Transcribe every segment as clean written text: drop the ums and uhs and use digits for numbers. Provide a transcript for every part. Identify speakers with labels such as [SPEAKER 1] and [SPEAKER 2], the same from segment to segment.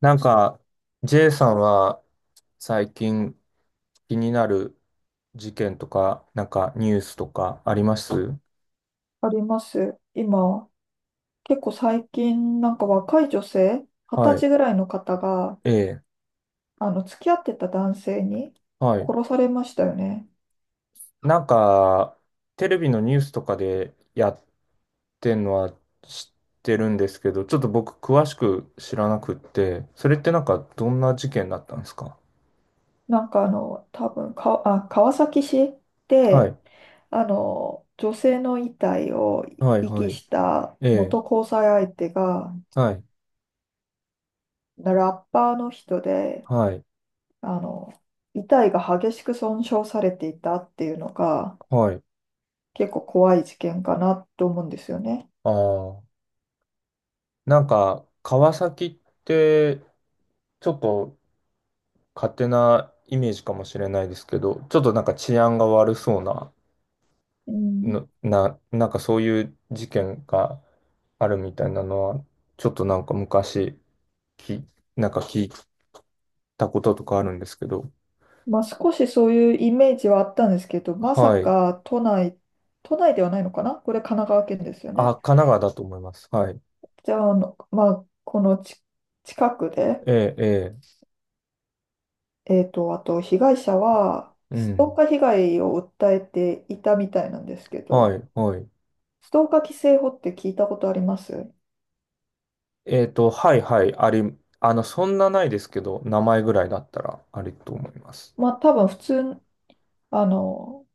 [SPEAKER 1] なんか、J さんは最近気になる事件とか、なんかニュースとかあります？
[SPEAKER 2] あります。今、結構最近、若い女性、二
[SPEAKER 1] は
[SPEAKER 2] 十
[SPEAKER 1] い。
[SPEAKER 2] 歳ぐらいの方が、
[SPEAKER 1] ええ。
[SPEAKER 2] 付き合ってた男性に
[SPEAKER 1] はい。
[SPEAKER 2] 殺されましたよね。
[SPEAKER 1] なんか、テレビのニュースとかでやってんのは知ってるんですけど、ちょっと僕詳しく知らなくって、それってなんかどんな事件だったんですか？
[SPEAKER 2] なんかあの、多分か、あ、川崎市
[SPEAKER 1] は
[SPEAKER 2] で、
[SPEAKER 1] い。
[SPEAKER 2] 女性の遺体を
[SPEAKER 1] はい、
[SPEAKER 2] 遺
[SPEAKER 1] は
[SPEAKER 2] 棄
[SPEAKER 1] い。
[SPEAKER 2] した
[SPEAKER 1] ええ。
[SPEAKER 2] 元交際相手が、
[SPEAKER 1] はい。
[SPEAKER 2] ラッパーの人で、
[SPEAKER 1] はい。
[SPEAKER 2] あの、遺体が激しく損傷されていたっていうのが、
[SPEAKER 1] はい。
[SPEAKER 2] 結構怖い事件かなと思うんですよね。
[SPEAKER 1] ああ。なんか、川崎って、ちょっと勝手なイメージかもしれないですけど、ちょっとなんか治安が悪そうな、
[SPEAKER 2] うん
[SPEAKER 1] なんかそういう事件があるみたいなのは、ちょっとなんか昔、き、なんか聞いたこととかあるんですけど、
[SPEAKER 2] まあ、少しそういうイメージはあったんですけど、まさ
[SPEAKER 1] はい。
[SPEAKER 2] か都内、都内ではないのかな、これ神奈川県ですよ
[SPEAKER 1] あ、
[SPEAKER 2] ね。
[SPEAKER 1] 神奈川だと思います。はい。
[SPEAKER 2] じゃあ、まあ、このち近くで、
[SPEAKER 1] ええ、え
[SPEAKER 2] あと被害者は、
[SPEAKER 1] え、う
[SPEAKER 2] ストー
[SPEAKER 1] ん。
[SPEAKER 2] カー被害を訴えていたみたいなんですけ
[SPEAKER 1] は
[SPEAKER 2] ど、
[SPEAKER 1] い、はい。
[SPEAKER 2] ストーカー規制法って聞いたことあります？
[SPEAKER 1] はい、はい、そんなないですけど、名前ぐらいだったらありと思います。
[SPEAKER 2] まあ、多分普通、あの、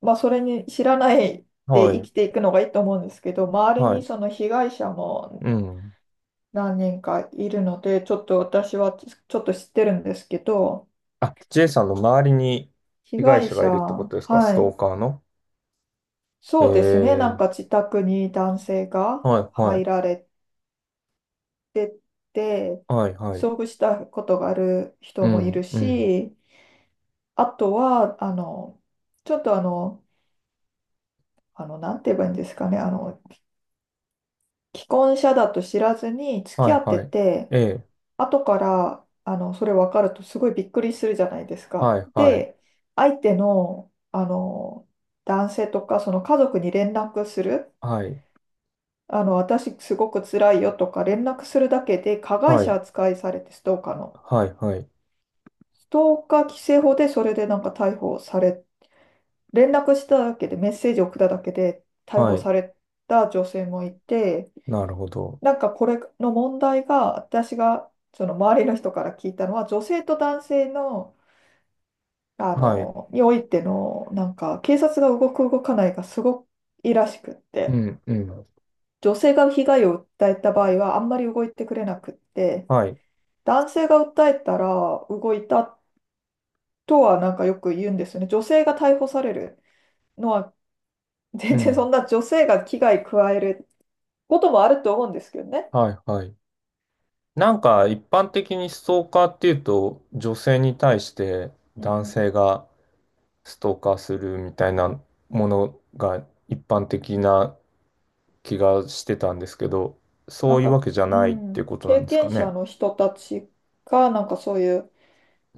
[SPEAKER 2] それに知らないで
[SPEAKER 1] は
[SPEAKER 2] 生
[SPEAKER 1] い、
[SPEAKER 2] きていくのがいいと思うんですけど、周り
[SPEAKER 1] は
[SPEAKER 2] に
[SPEAKER 1] い、
[SPEAKER 2] その被害者も
[SPEAKER 1] うん。
[SPEAKER 2] 何人かいるので、ちょっと私はちょっと知ってるんですけど。
[SPEAKER 1] あ、J さんの周りに
[SPEAKER 2] 被
[SPEAKER 1] 被害
[SPEAKER 2] 害
[SPEAKER 1] 者が
[SPEAKER 2] 者、
[SPEAKER 1] いるってことですか、ス
[SPEAKER 2] は
[SPEAKER 1] ト
[SPEAKER 2] い、
[SPEAKER 1] ーカーの？
[SPEAKER 2] そうですね、なん
[SPEAKER 1] ええ、
[SPEAKER 2] か自宅に男性が
[SPEAKER 1] はい、は
[SPEAKER 2] 入
[SPEAKER 1] い、
[SPEAKER 2] られてて、
[SPEAKER 1] はい、はい。
[SPEAKER 2] 遭遇したことがある人
[SPEAKER 1] う
[SPEAKER 2] もいる
[SPEAKER 1] ん、うん。
[SPEAKER 2] し、あとは、あの、ちょっとあの、あの、なんて言えばいいんですかね、あの、既婚者だと知らずに付
[SPEAKER 1] は
[SPEAKER 2] き
[SPEAKER 1] い、
[SPEAKER 2] 合って
[SPEAKER 1] はい。
[SPEAKER 2] て、
[SPEAKER 1] ええ、
[SPEAKER 2] 後からそれ分かるとすごいびっくりするじゃないです
[SPEAKER 1] は
[SPEAKER 2] か。
[SPEAKER 1] い、はい、
[SPEAKER 2] で、相手の、男性とかその家族に連絡する、
[SPEAKER 1] はい、
[SPEAKER 2] 私すごく辛いよとか連絡するだけで加害
[SPEAKER 1] は
[SPEAKER 2] 者
[SPEAKER 1] い、
[SPEAKER 2] 扱いされて、ストーカーの。
[SPEAKER 1] はい、はい、
[SPEAKER 2] ストーカー規制法でそれでなんか逮捕され、連絡しただけで、メッセージ送っただけで逮
[SPEAKER 1] は
[SPEAKER 2] 捕
[SPEAKER 1] い。
[SPEAKER 2] された女性もいて。
[SPEAKER 1] なるほど。
[SPEAKER 2] なんかこれの問題が、私がその周りの人から聞いたのは、女性と男性の
[SPEAKER 1] はい、
[SPEAKER 2] においての、なんか、警察が動く動かないがすごくいいらしくっ
[SPEAKER 1] う
[SPEAKER 2] て、
[SPEAKER 1] ん、うん。
[SPEAKER 2] 女性が被害を訴えた場合はあんまり動いてくれなくって、
[SPEAKER 1] はい、
[SPEAKER 2] 男性が訴えたら動いたとはなんかよく言うんですよね。女性が逮捕されるのは、全
[SPEAKER 1] う
[SPEAKER 2] 然、そ
[SPEAKER 1] ん、
[SPEAKER 2] んな女性が危害加えることもあると思うんですけどね。
[SPEAKER 1] はい、はい。なんか、一般的にストーカーっていうと、女性に対して
[SPEAKER 2] う
[SPEAKER 1] 男
[SPEAKER 2] ん、
[SPEAKER 1] 性がストーカーするみたいなものが一般的な気がしてたんですけど、
[SPEAKER 2] な
[SPEAKER 1] そ
[SPEAKER 2] ん
[SPEAKER 1] ういうわ
[SPEAKER 2] か、
[SPEAKER 1] けじゃ
[SPEAKER 2] う
[SPEAKER 1] ないっていう
[SPEAKER 2] ん、
[SPEAKER 1] ことな
[SPEAKER 2] 経
[SPEAKER 1] んですか
[SPEAKER 2] 験者
[SPEAKER 1] ね。
[SPEAKER 2] の人たちが、なんかそういう、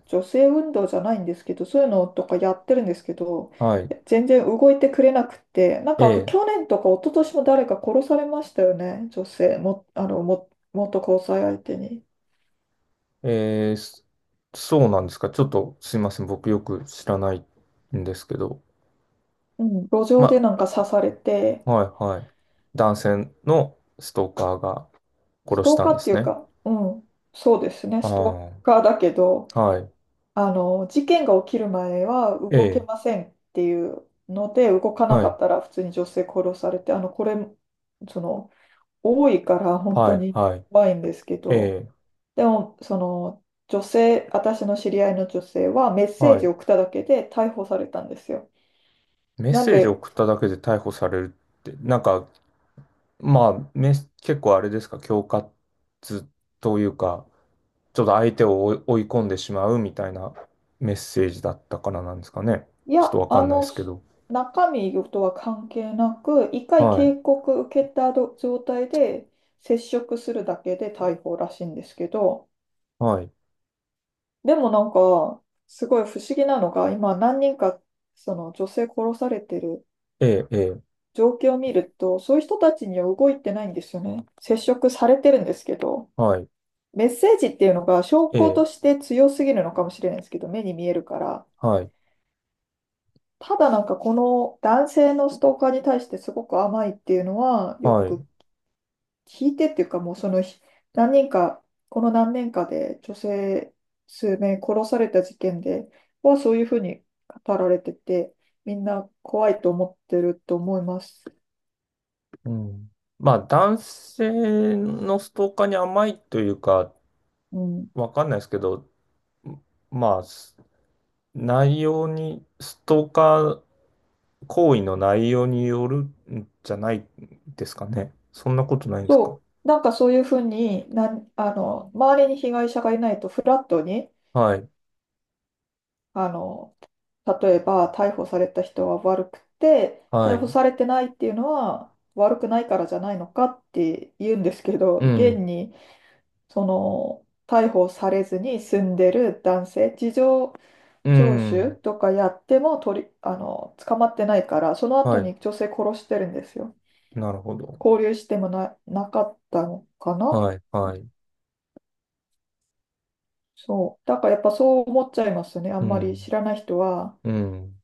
[SPEAKER 2] 女性運動じゃないんですけど、そういうのとかやってるんですけど、
[SPEAKER 1] はい。
[SPEAKER 2] 全然動いてくれなくて。なんかあと去
[SPEAKER 1] え
[SPEAKER 2] 年とか一昨年も誰か殺されましたよね、女性も、元交際相手に。
[SPEAKER 1] え、ええ、そうなんですか。ちょっとすいません。僕よく知らないんですけど。
[SPEAKER 2] うん、路上
[SPEAKER 1] ま、
[SPEAKER 2] でなんか刺されて。
[SPEAKER 1] あ、はい、はい。男性のストーカーが
[SPEAKER 2] ス
[SPEAKER 1] 殺し
[SPEAKER 2] トー
[SPEAKER 1] た
[SPEAKER 2] カ
[SPEAKER 1] ん
[SPEAKER 2] ー
[SPEAKER 1] で
[SPEAKER 2] って
[SPEAKER 1] す
[SPEAKER 2] いう
[SPEAKER 1] ね。
[SPEAKER 2] か、うん、そうですね、ストー
[SPEAKER 1] あ
[SPEAKER 2] カーだけど、
[SPEAKER 1] あ、はい。
[SPEAKER 2] 事件が起きる前は
[SPEAKER 1] え
[SPEAKER 2] 動け
[SPEAKER 1] え、
[SPEAKER 2] ませんっていうので、動かな
[SPEAKER 1] は
[SPEAKER 2] か
[SPEAKER 1] い、
[SPEAKER 2] ったら普通に女性殺されて、あの、これ、その、多いから本
[SPEAKER 1] は
[SPEAKER 2] 当
[SPEAKER 1] い、
[SPEAKER 2] に
[SPEAKER 1] はい。
[SPEAKER 2] 怖いんですけ
[SPEAKER 1] え
[SPEAKER 2] ど。
[SPEAKER 1] え、
[SPEAKER 2] でも、その、女性、私の知り合いの女性はメッセ
[SPEAKER 1] は
[SPEAKER 2] ージを
[SPEAKER 1] い。
[SPEAKER 2] 送っただけで逮捕されたんですよ。
[SPEAKER 1] メッ
[SPEAKER 2] なん
[SPEAKER 1] セージを
[SPEAKER 2] で。
[SPEAKER 1] 送っただけで逮捕されるって、なんか、まあ、結構あれですか、恐喝というか、ちょっと相手を追い込んでしまうみたいなメッセージだったからなんですかね。
[SPEAKER 2] い
[SPEAKER 1] ちょ
[SPEAKER 2] や、
[SPEAKER 1] っとわかんないですけど。
[SPEAKER 2] 中身とは関係なく、一回
[SPEAKER 1] はい。
[SPEAKER 2] 警告受けた状態で接触するだけで逮捕らしいんですけど、
[SPEAKER 1] はい。
[SPEAKER 2] でもなんか、すごい不思議なのが、今何人か、その女性殺されてる
[SPEAKER 1] ええ、ええ、
[SPEAKER 2] 状況を見ると、そういう人たちには動いてないんですよね。接触されてるんですけど。
[SPEAKER 1] はい。
[SPEAKER 2] メッセージっていうのが証
[SPEAKER 1] え
[SPEAKER 2] 拠
[SPEAKER 1] え、
[SPEAKER 2] として強すぎるのかもしれないですけど、目に見えるから。
[SPEAKER 1] はい。
[SPEAKER 2] ただなんかこの男性のストーカーに対してすごく甘いっていうのは、よ
[SPEAKER 1] は
[SPEAKER 2] く
[SPEAKER 1] い。
[SPEAKER 2] 聞いてっていうか、もうその何人か、この何年かで女性数名殺された事件ではそういうふうに語られてて、みんな怖いと思ってると思います。
[SPEAKER 1] うん。まあ、男性のストーカーに甘いというか、
[SPEAKER 2] うん
[SPEAKER 1] わかんないですけど、まあ、内容に、ストーカー行為の内容によるんじゃないですかね。そんなことないんですか。
[SPEAKER 2] そう、なんかそういうふうになん、あの、周りに被害者がいないと、フラットに、
[SPEAKER 1] はい。
[SPEAKER 2] あの、例えば逮捕された人は悪くて、
[SPEAKER 1] は
[SPEAKER 2] 逮捕
[SPEAKER 1] い。
[SPEAKER 2] されてないっていうのは悪くないからじゃないのかって言うんですけど、
[SPEAKER 1] う
[SPEAKER 2] 現
[SPEAKER 1] ん。
[SPEAKER 2] に、その、逮捕されずに住んでる男性、事情
[SPEAKER 1] う
[SPEAKER 2] 聴取
[SPEAKER 1] ん。
[SPEAKER 2] とかやっても取り、あの、捕まってないから、その
[SPEAKER 1] は
[SPEAKER 2] 後
[SPEAKER 1] い。
[SPEAKER 2] に女性殺してるんですよ。
[SPEAKER 1] なるほど。
[SPEAKER 2] 交流してもな、なかったのかな。
[SPEAKER 1] はい、はい。
[SPEAKER 2] そう。だからやっぱそう思っちゃいますよね。あ
[SPEAKER 1] う
[SPEAKER 2] んまり
[SPEAKER 1] ん、
[SPEAKER 2] 知らない人は。
[SPEAKER 1] うん、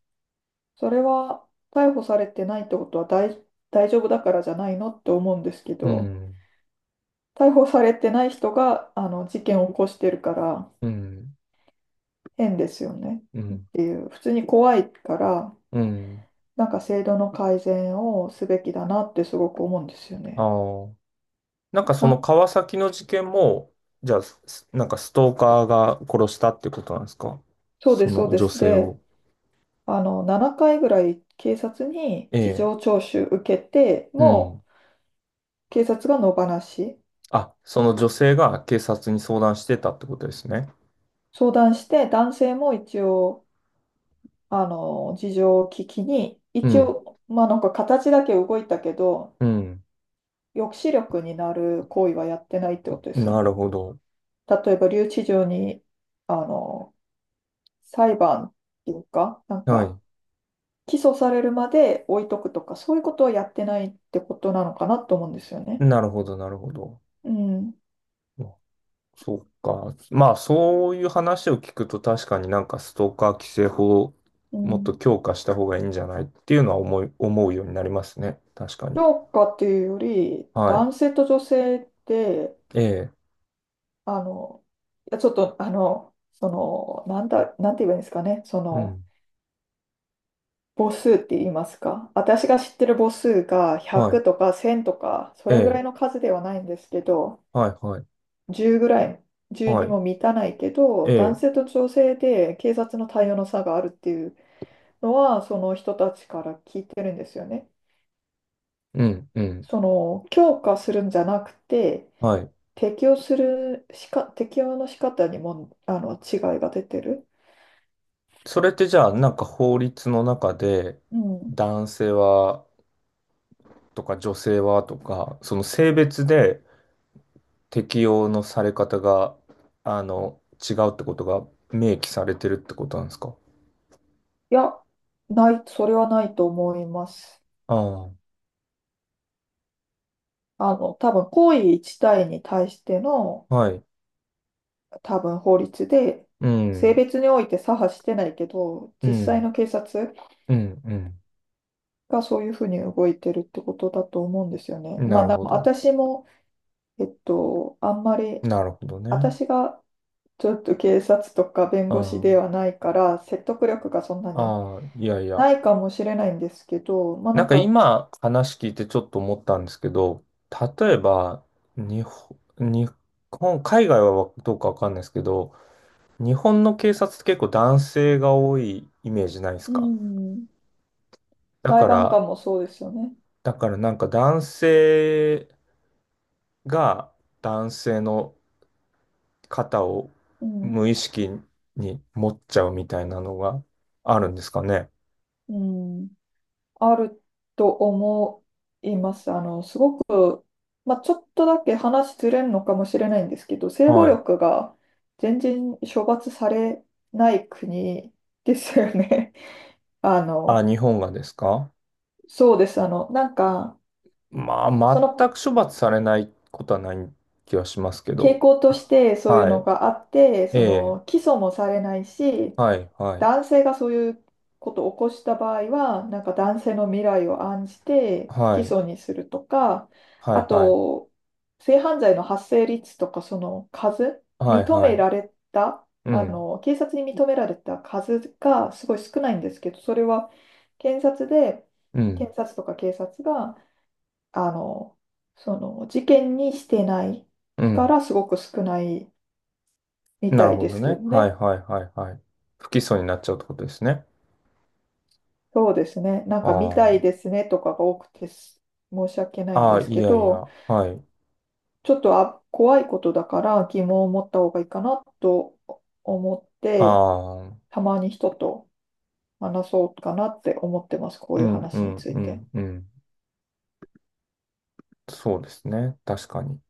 [SPEAKER 2] それは逮捕されてないってことは大丈夫だからじゃないのって思うんですけ
[SPEAKER 1] う
[SPEAKER 2] ど、
[SPEAKER 1] ん、
[SPEAKER 2] 逮捕されてない人があの事件を起こしてるから、
[SPEAKER 1] うん、
[SPEAKER 2] 変ですよね。
[SPEAKER 1] うん、
[SPEAKER 2] 普通に怖いから、
[SPEAKER 1] うん。
[SPEAKER 2] なんか制度の改善をすべきだなってすごく思うんですよ
[SPEAKER 1] あ
[SPEAKER 2] ね。
[SPEAKER 1] あ。なんかその
[SPEAKER 2] な、
[SPEAKER 1] 川崎の事件も、じゃあ、なんかストーカーが殺したってことなんですか？
[SPEAKER 2] そうで
[SPEAKER 1] そ
[SPEAKER 2] す、そう
[SPEAKER 1] の
[SPEAKER 2] で
[SPEAKER 1] 女
[SPEAKER 2] す。
[SPEAKER 1] 性
[SPEAKER 2] で、
[SPEAKER 1] を。
[SPEAKER 2] 7回ぐらい警察に
[SPEAKER 1] え
[SPEAKER 2] 事
[SPEAKER 1] え。
[SPEAKER 2] 情聴取受けて、
[SPEAKER 1] うん。
[SPEAKER 2] も警察が野放し。
[SPEAKER 1] あ、その女性が警察に相談してたってことですね。
[SPEAKER 2] 相談して、男性も一応、事情を聞きに、
[SPEAKER 1] う
[SPEAKER 2] 一
[SPEAKER 1] ん、
[SPEAKER 2] 応、まあなんか形だけ動いたけど、
[SPEAKER 1] うん。
[SPEAKER 2] 抑止力になる行為はやってないってことですよ
[SPEAKER 1] なる
[SPEAKER 2] ね。
[SPEAKER 1] ほど。
[SPEAKER 2] 例えば留置場に、あの、裁判っていうか、なん
[SPEAKER 1] は
[SPEAKER 2] か、
[SPEAKER 1] い。
[SPEAKER 2] 起訴されるまで置いとくとか、そういうことはやってないってことなのかなと思うんですよね。
[SPEAKER 1] なるほど、なるほど。
[SPEAKER 2] うん。
[SPEAKER 1] そうか。まあ、そういう話を聞くと確かになんかストーカー規制法を
[SPEAKER 2] う
[SPEAKER 1] もっ
[SPEAKER 2] ん。
[SPEAKER 1] と強化した方がいいんじゃないっていうのは思うようになりますね。確かに。
[SPEAKER 2] 評価っていうより、
[SPEAKER 1] は
[SPEAKER 2] 男性と女性って
[SPEAKER 1] い。ええ。
[SPEAKER 2] あの、いやちょっと、あの、その、なんだ、なんて言えばいいんですかね、そ
[SPEAKER 1] う
[SPEAKER 2] の、
[SPEAKER 1] ん。
[SPEAKER 2] 母数って言いますか、私が知ってる母数が
[SPEAKER 1] はい。
[SPEAKER 2] 100とか1000とか、そ
[SPEAKER 1] え
[SPEAKER 2] れぐらい
[SPEAKER 1] え。
[SPEAKER 2] の数ではないんですけど、
[SPEAKER 1] はい、はい。
[SPEAKER 2] 10ぐらい、10
[SPEAKER 1] は
[SPEAKER 2] に
[SPEAKER 1] い。
[SPEAKER 2] も満たないけど、
[SPEAKER 1] え
[SPEAKER 2] 男
[SPEAKER 1] え。
[SPEAKER 2] 性と女性で警察の対応の差があるっていうのは、その人たちから聞いてるんですよね。
[SPEAKER 1] うん、うん。
[SPEAKER 2] その、強化するんじゃなくて、
[SPEAKER 1] はい。
[SPEAKER 2] 適用するしか、適用の仕方にも、違いが出てる。
[SPEAKER 1] それってじゃあ、なんか法律の中で、
[SPEAKER 2] うん
[SPEAKER 1] 男性はとか女性はとか、その性別で適用のされ方が、あの、違うってことが明記されてるってことなんですか？
[SPEAKER 2] いや、ない、それはないと思います。
[SPEAKER 1] ああ、
[SPEAKER 2] 行為一体に対しての、
[SPEAKER 1] はい。
[SPEAKER 2] 多分、法律で、
[SPEAKER 1] う
[SPEAKER 2] 性
[SPEAKER 1] ん、
[SPEAKER 2] 別において左派してないけど、
[SPEAKER 1] う
[SPEAKER 2] 実際
[SPEAKER 1] ん、
[SPEAKER 2] の警察
[SPEAKER 1] うん、
[SPEAKER 2] がそういうふうに動いてるってことだと思うんですよね。
[SPEAKER 1] うん。な
[SPEAKER 2] まあ、
[SPEAKER 1] る
[SPEAKER 2] で
[SPEAKER 1] ほ
[SPEAKER 2] も
[SPEAKER 1] ど。
[SPEAKER 2] 私も、えっと、あんまり、
[SPEAKER 1] なるほどね。
[SPEAKER 2] 私がちょっと警察とか弁護士
[SPEAKER 1] あ
[SPEAKER 2] ではないから、説得力がそんな
[SPEAKER 1] あ、
[SPEAKER 2] に
[SPEAKER 1] ああ、いやいや。
[SPEAKER 2] ないかもしれないんですけど、
[SPEAKER 1] なんか今話聞いてちょっと思ったんですけど、例えば、日本、海外はどうかわかんないですけど、日本の警察って結構男性が多いイメージないです
[SPEAKER 2] う
[SPEAKER 1] か？
[SPEAKER 2] ん、
[SPEAKER 1] だ
[SPEAKER 2] 裁
[SPEAKER 1] か
[SPEAKER 2] 判
[SPEAKER 1] ら、
[SPEAKER 2] 官もそうですよね。
[SPEAKER 1] だからなんか男性が男性の肩を
[SPEAKER 2] うん
[SPEAKER 1] 無意識に持っちゃうみたいなのがあるんですかね。
[SPEAKER 2] うん、あると思います。あの、すごく、まあ、ちょっとだけ話ずれるのかもしれないんですけど、性暴
[SPEAKER 1] はい。
[SPEAKER 2] 力が全然処罰されない国ですよね。あ
[SPEAKER 1] あ、
[SPEAKER 2] の、
[SPEAKER 1] 日本がですか？
[SPEAKER 2] そうです。
[SPEAKER 1] ま
[SPEAKER 2] そ
[SPEAKER 1] あ、全
[SPEAKER 2] の
[SPEAKER 1] く処罰されないことはない気はしますけ
[SPEAKER 2] 傾
[SPEAKER 1] ど。
[SPEAKER 2] 向としてそういう
[SPEAKER 1] は
[SPEAKER 2] の
[SPEAKER 1] い。
[SPEAKER 2] があって、
[SPEAKER 1] え
[SPEAKER 2] そ
[SPEAKER 1] え。
[SPEAKER 2] の、起訴もされないし、
[SPEAKER 1] はい、はい。
[SPEAKER 2] 男性がそういうことを起こした場合は、なんか男性の未来を案じて不
[SPEAKER 1] は
[SPEAKER 2] 起
[SPEAKER 1] い。
[SPEAKER 2] 訴にするとか。
[SPEAKER 1] は
[SPEAKER 2] あ
[SPEAKER 1] い、はい。
[SPEAKER 2] と、性犯罪の発生率とか、その数、
[SPEAKER 1] はい、
[SPEAKER 2] 認
[SPEAKER 1] は
[SPEAKER 2] め
[SPEAKER 1] い。
[SPEAKER 2] られた、
[SPEAKER 1] うん。
[SPEAKER 2] 警察に認められた数がすごい少ないんですけど、それは検察で、
[SPEAKER 1] うん。
[SPEAKER 2] 検察とか警察が、あの、その事件にしてない
[SPEAKER 1] う
[SPEAKER 2] か
[SPEAKER 1] ん。
[SPEAKER 2] らすごく少ないみ
[SPEAKER 1] な
[SPEAKER 2] た
[SPEAKER 1] る
[SPEAKER 2] い
[SPEAKER 1] ほ
[SPEAKER 2] で
[SPEAKER 1] ど
[SPEAKER 2] すけど
[SPEAKER 1] ね。はい、
[SPEAKER 2] ね。
[SPEAKER 1] はい、はい、はい。不起訴になっちゃうってことですね。
[SPEAKER 2] そうですね。なんか、みた
[SPEAKER 1] あ
[SPEAKER 2] いですねとかが多くて申し訳な
[SPEAKER 1] あ。
[SPEAKER 2] いん
[SPEAKER 1] ああ、
[SPEAKER 2] です
[SPEAKER 1] い
[SPEAKER 2] け
[SPEAKER 1] やい
[SPEAKER 2] ど、
[SPEAKER 1] や。はい。
[SPEAKER 2] ちょっとあ、怖いことだから疑問を持った方がいいかなと思っ
[SPEAKER 1] あ
[SPEAKER 2] て、
[SPEAKER 1] あ。
[SPEAKER 2] たまに人と話そうかなって思ってます。こう
[SPEAKER 1] う
[SPEAKER 2] いう
[SPEAKER 1] ん、う
[SPEAKER 2] 話に
[SPEAKER 1] ん、
[SPEAKER 2] つい
[SPEAKER 1] う
[SPEAKER 2] て。
[SPEAKER 1] ん、うん。そうですね。確かに。